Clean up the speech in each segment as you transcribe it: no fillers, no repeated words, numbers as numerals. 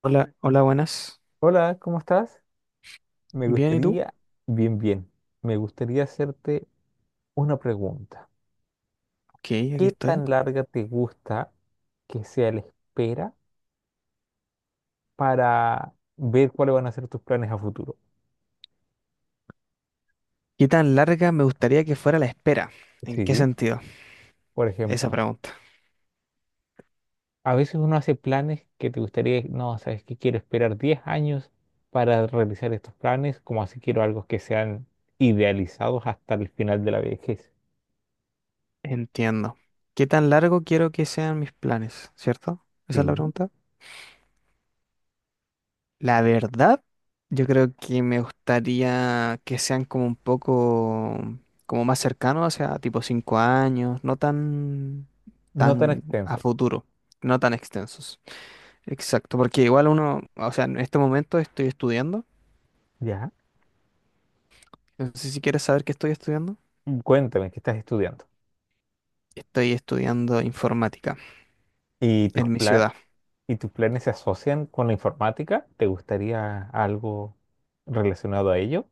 Hola, hola, buenas. Hola, ¿cómo estás? Me Bien, ¿y tú? gustaría, bien, bien, me gustaría hacerte una pregunta. Ok, aquí ¿Qué estoy. tan larga te gusta que sea la espera para ver cuáles van a ser tus planes a futuro? ¿Qué tan larga me gustaría que fuera la espera? ¿En qué Sí. sentido? Por Esa ejemplo, pregunta. a veces uno hace planes que te gustaría, no, sabes que quiero esperar 10 años para realizar estos planes, como así quiero algo que sean idealizados hasta el final de la vejez. Entiendo. ¿Qué tan largo quiero que sean mis planes? ¿Cierto? Esa es la Sí. pregunta. La verdad, yo creo que me gustaría que sean como un poco, como más cercanos, o sea, tipo 5 años, no tan, No tan tan a extensos. futuro, no tan extensos. Exacto, porque igual uno, o sea, en este momento estoy estudiando. Ya. No sé si quieres saber qué estoy estudiando. Cuéntame, ¿qué estás estudiando? Estoy estudiando informática ¿Y tus en mi planes? ciudad. ¿Y tus planes se asocian con la informática? ¿Te gustaría algo relacionado a ello?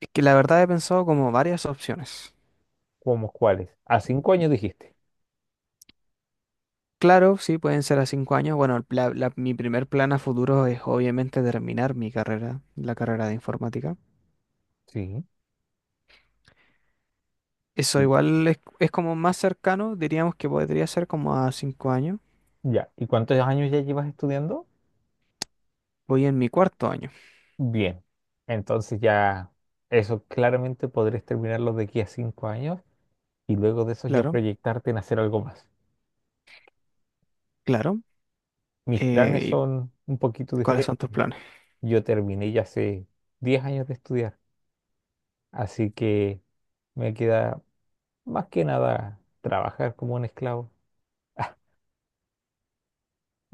Es que la verdad he pensado como varias opciones. ¿Cómo cuáles? A 5 años dijiste. Claro, sí, pueden ser a 5 años. Bueno, mi primer plan a futuro es obviamente terminar mi carrera, la carrera de informática. Sí. Eso Y- igual es como más cercano, diríamos que podría ser como a 5 años. Ya. ¿Y cuántos años ya llevas estudiando? Voy en mi cuarto año. Bien. Entonces ya eso claramente podrías terminarlo de aquí a 5 años y luego de eso ya Claro, proyectarte en hacer algo más. claro. Mis planes Eh, ¿y son un poquito ¿Cuáles diferentes. son tus planes? Yo terminé ya hace 10 años de estudiar, así que me queda más que nada trabajar como un esclavo.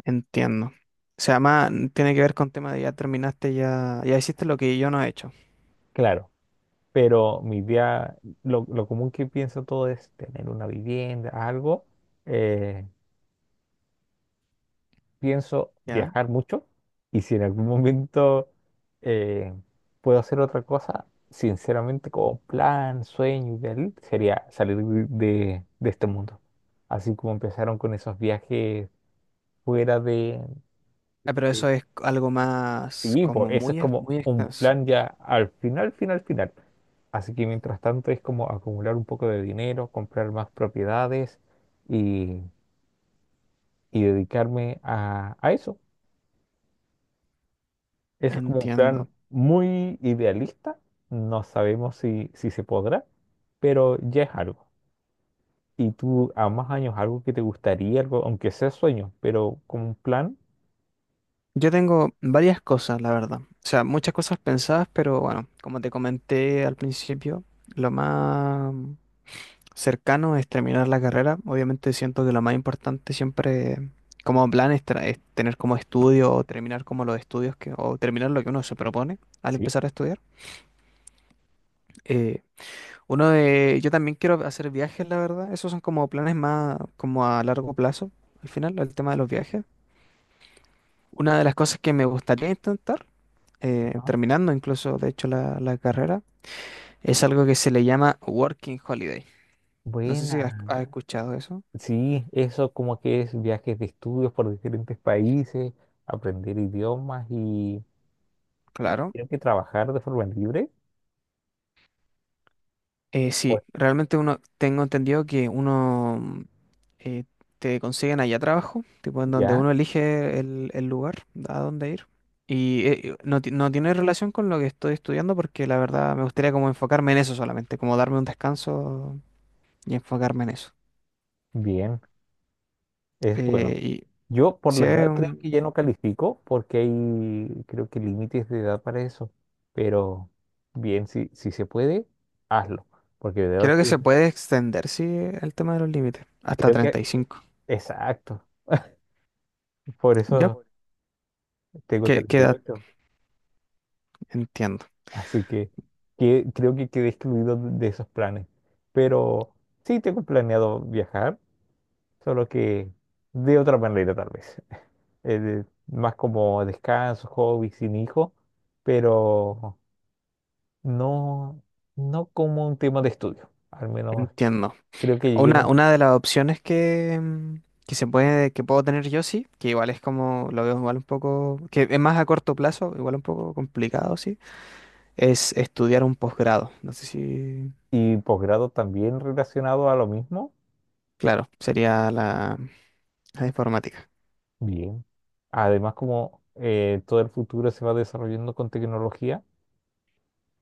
Entiendo. O sea, más tiene que ver con tema de ya terminaste, ya hiciste lo que yo no he hecho. Claro, pero mi idea, lo común que pienso todo es tener una vivienda, algo. eh, Pienso ¿Ya? viajar mucho y si en algún momento eh, puedo hacer otra cosa, sinceramente como plan, sueño ideal, sería salir de este mundo. Así como empezaron con esos viajes fuera Ah, pero de- eso es algo más Sí, pues como eso es muy, ex- como muy un extenso. plan ya al final, final, final. Así que mientras tanto es como acumular un poco de dinero, comprar más propiedades y, y dedicarme a eso. Ese es como un plan Entiendo. muy idealista. No sabemos si se podrá, pero ya es algo. ¿Y tú a más años algo que te gustaría, algo, aunque sea sueño, pero como un plan? Yo tengo varias cosas, la verdad. O sea, muchas cosas pensadas, pero bueno, como te comenté al principio, lo más cercano es terminar la carrera. Obviamente siento que lo más importante siempre como plan es tener como estudio o terminar como los estudios que, o terminar lo que uno se propone al Sí. empezar a estudiar. Eh, yo también quiero hacer viajes, la verdad. Esos son como planes más como a largo plazo, al final, el tema de los viajes. Una de las cosas que me gustaría intentar, Ajá. terminando incluso, de hecho, la carrera, es algo que se le llama Working Holiday. No sé si has, Buena. has escuchado eso. Sí, eso como que es viajes de estudios por diferentes países, aprender idiomas y Claro. creo que trabajar de forma libre. Pues Sí, realmente uno, tengo entendido que uno eh, te consiguen allá trabajo, tipo en donde ya. uno elige el lugar a dónde ir. No, no tiene relación con lo que estoy estudiando porque la verdad me gustaría como enfocarme en eso solamente, como darme un descanso y enfocarme en eso. Bien, es bueno. Y Yo por si la es edad creo que un- ya no califico porque hay, creo que límites de edad para eso. Pero bien, si se puede, hazlo. Porque de verdad creo que que se puede extender, sí, el tema de los límites, hasta creo que, 35. exacto. Por Ya, eso tengo que treinta y queda, ocho entiendo, Así que creo que quedé excluido de esos planes. Pero sí tengo planeado viajar, solo que de otra manera tal vez. Más como descanso, hobby, sin hijo. Pero... no, no como un tema de estudio. Al menos entiendo. creo que llegué en Una, un una de las opciones que, que se puede, que puedo tener yo sí, que igual es como, lo veo igual un poco, que es más a corto plazo, igual un poco complicado, sí, es estudiar un posgrado. No sé si, y posgrado también relacionado a lo mismo. claro, sería la informática. Bien. Además, como todo el futuro se va desarrollando con tecnología,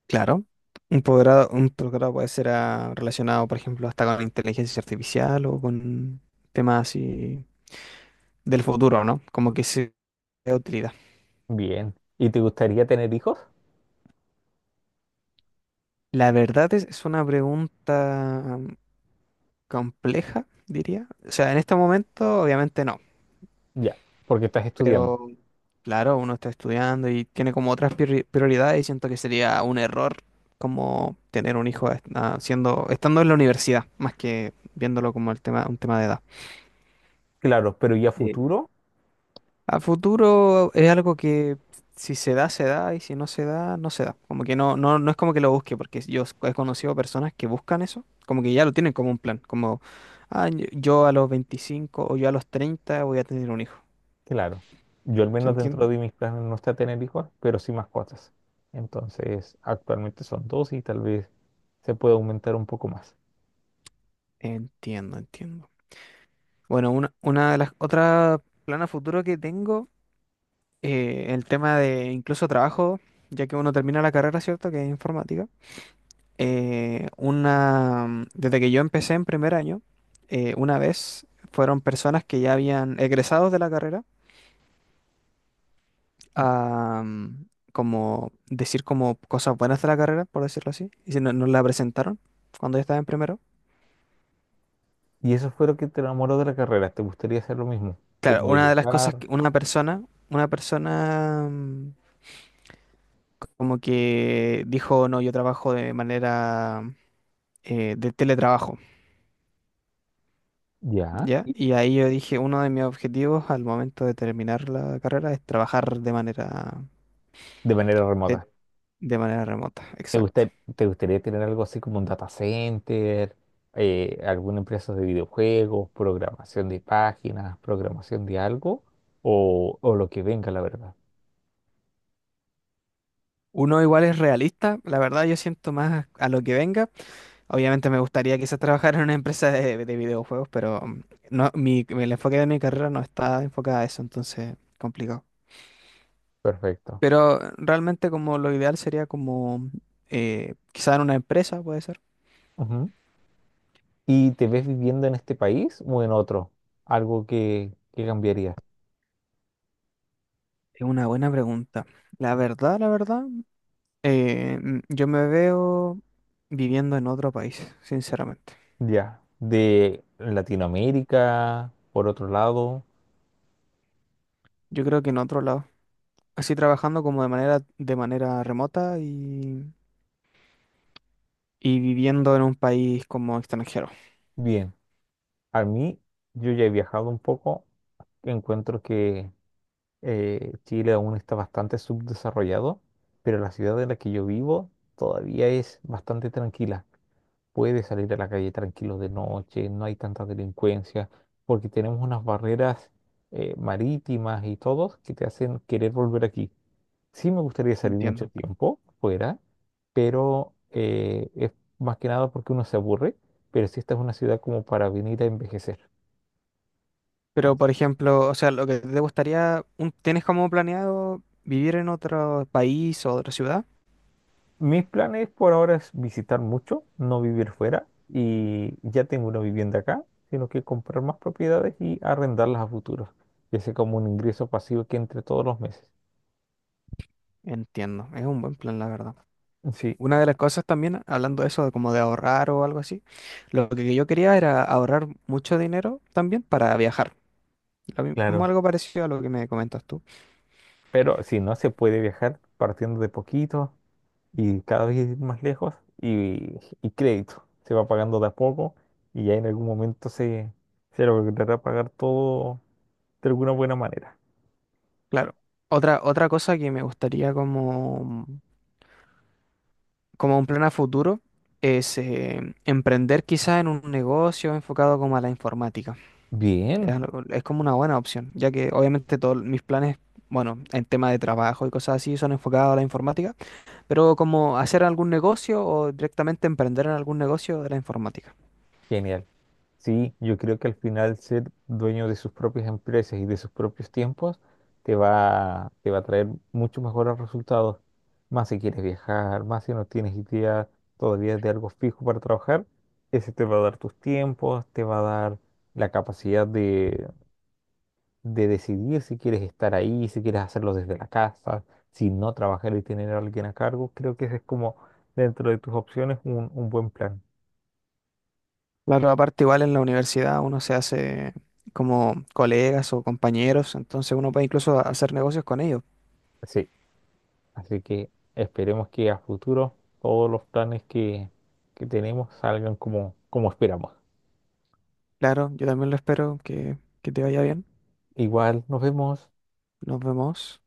Claro. Un posgrado puede ser relacionado, por ejemplo, hasta con inteligencia artificial o con temas así del futuro, ¿no? Como que sea de utilidad. bien. ¿Y te gustaría tener hijos? La verdad es una pregunta compleja, diría. O sea, en este momento, obviamente no, Ya, porque estás estudiando. pero claro, uno está estudiando y tiene como otras prioridades y siento que sería un error como tener un hijo siendo, estando en la universidad, más que viéndolo como el tema, un tema de edad. Claro, pero ¿y a Sí. futuro? A futuro es algo que si se da, se da, y si no se da, no se da. Como que no, no, no es como que lo busque, porque yo he conocido personas que buscan eso, como que ya lo tienen como un plan, como yo a los 25 o yo a los 30 voy a tener un hijo. Claro. Yo al ¿Se menos dentro entiende? de mis planes no está tener hijos, pero sí mascotas. Entonces, actualmente son dos y tal vez se puede aumentar un poco más. Entiendo, entiendo. Bueno, una de las otras planes futuro que tengo, el tema de incluso trabajo, ya que uno termina la carrera, ¿cierto? Que es informática. Desde que yo empecé en primer año, una vez fueron personas que ya habían egresados de la carrera a como decir como cosas buenas de la carrera, por decirlo así, y si no, nos la presentaron cuando yo estaba en primero. Y eso fue lo que te enamoró de la carrera. ¿Te gustaría hacer lo mismo? Claro, Como una de las cosas educar, que una persona como que dijo, no, yo trabajo de manera de teletrabajo, ya, ¿ya? y Y ahí yo dije, uno de mis objetivos al momento de terminar la carrera es trabajar de manera de, remota. de manera remota, exacto. Te gustaría tener algo así como un data center, alguna empresa de videojuegos, programación de páginas, programación de algo? O lo que venga, la verdad. Uno igual es realista, la verdad yo siento más a lo que venga. Obviamente me gustaría quizás trabajar en una empresa de videojuegos, pero no, mi, el enfoque de mi carrera no está enfocado a eso, entonces complicado. Perfecto. Pero realmente como lo ideal sería como quizá en una empresa, puede ser. Ujú. ¿Y te ves viviendo en este país o en otro? Algo que cambiaría. Es una buena pregunta. La verdad, yo me veo viviendo en otro país, sinceramente. Ya. De Latinoamérica, por otro lado. Yo creo que en otro lado. Así trabajando como de manera remota y viviendo en un país como extranjero. Bien. A mí, yo ya he viajado un poco, encuentro que Chile aún está bastante subdesarrollado, pero la ciudad en la que yo vivo todavía es bastante tranquila. Puedes salir a la calle tranquilo de noche, no hay tanta delincuencia, porque tenemos unas barreras marítimas y todo que te hacen querer volver aquí. Sí me gustaría salir mucho Entiendo. tiempo fuera, pero es más que nada porque uno se aburre, pero sí esta es una ciudad como para venir a envejecer. Pero, por ejemplo, o sea, lo que te gustaría, ¿tienes como planeado vivir en otro país o otra ciudad? Mis planes por ahora es visitar mucho, no vivir fuera y ya tengo una vivienda acá, sino que comprar más propiedades y arrendarlas a futuro, que sea como un ingreso pasivo que entre todos los meses. Entiendo, es un buen plan, la verdad. Sí, Una de las cosas también, hablando de eso, de como de ahorrar o algo así, lo que yo quería era ahorrar mucho dinero también para viajar. Lo mismo, claro. algo parecido a lo que me comentas tú. Pero si no, se puede viajar partiendo de poquito y cada vez ir más lejos y, y crédito. Se va pagando de a poco y ya en algún momento se logrará pagar todo de alguna buena manera. Claro. Otra cosa que me gustaría como un plan a futuro es emprender quizás en un negocio enfocado como a la informática. Bien, Es, como una buena opción, ya que obviamente todos mis planes, bueno, en tema de trabajo y cosas así son enfocados a la informática. Pero como hacer algún negocio o directamente emprender en algún negocio de la informática. genial. Sí, yo creo que al final ser dueño de sus propias empresas y de sus propios tiempos te va a traer muchos mejores resultados. Más si quieres viajar, más si no tienes idea todavía de algo fijo para trabajar, ese te va a dar tus tiempos, te va a dar la capacidad de decidir si quieres estar ahí, si quieres hacerlo desde la casa, si no trabajar y tener a alguien a cargo. Creo que ese es como dentro de tus opciones un buen plan. Claro, aparte igual en la universidad uno se hace como colegas o compañeros, entonces uno puede incluso hacer negocios con ellos. Sí. Así que esperemos que a futuro todos los planes que tenemos salgan como, como esperamos. Claro, yo también lo espero que, te vaya bien. Igual nos vemos. Nos vemos.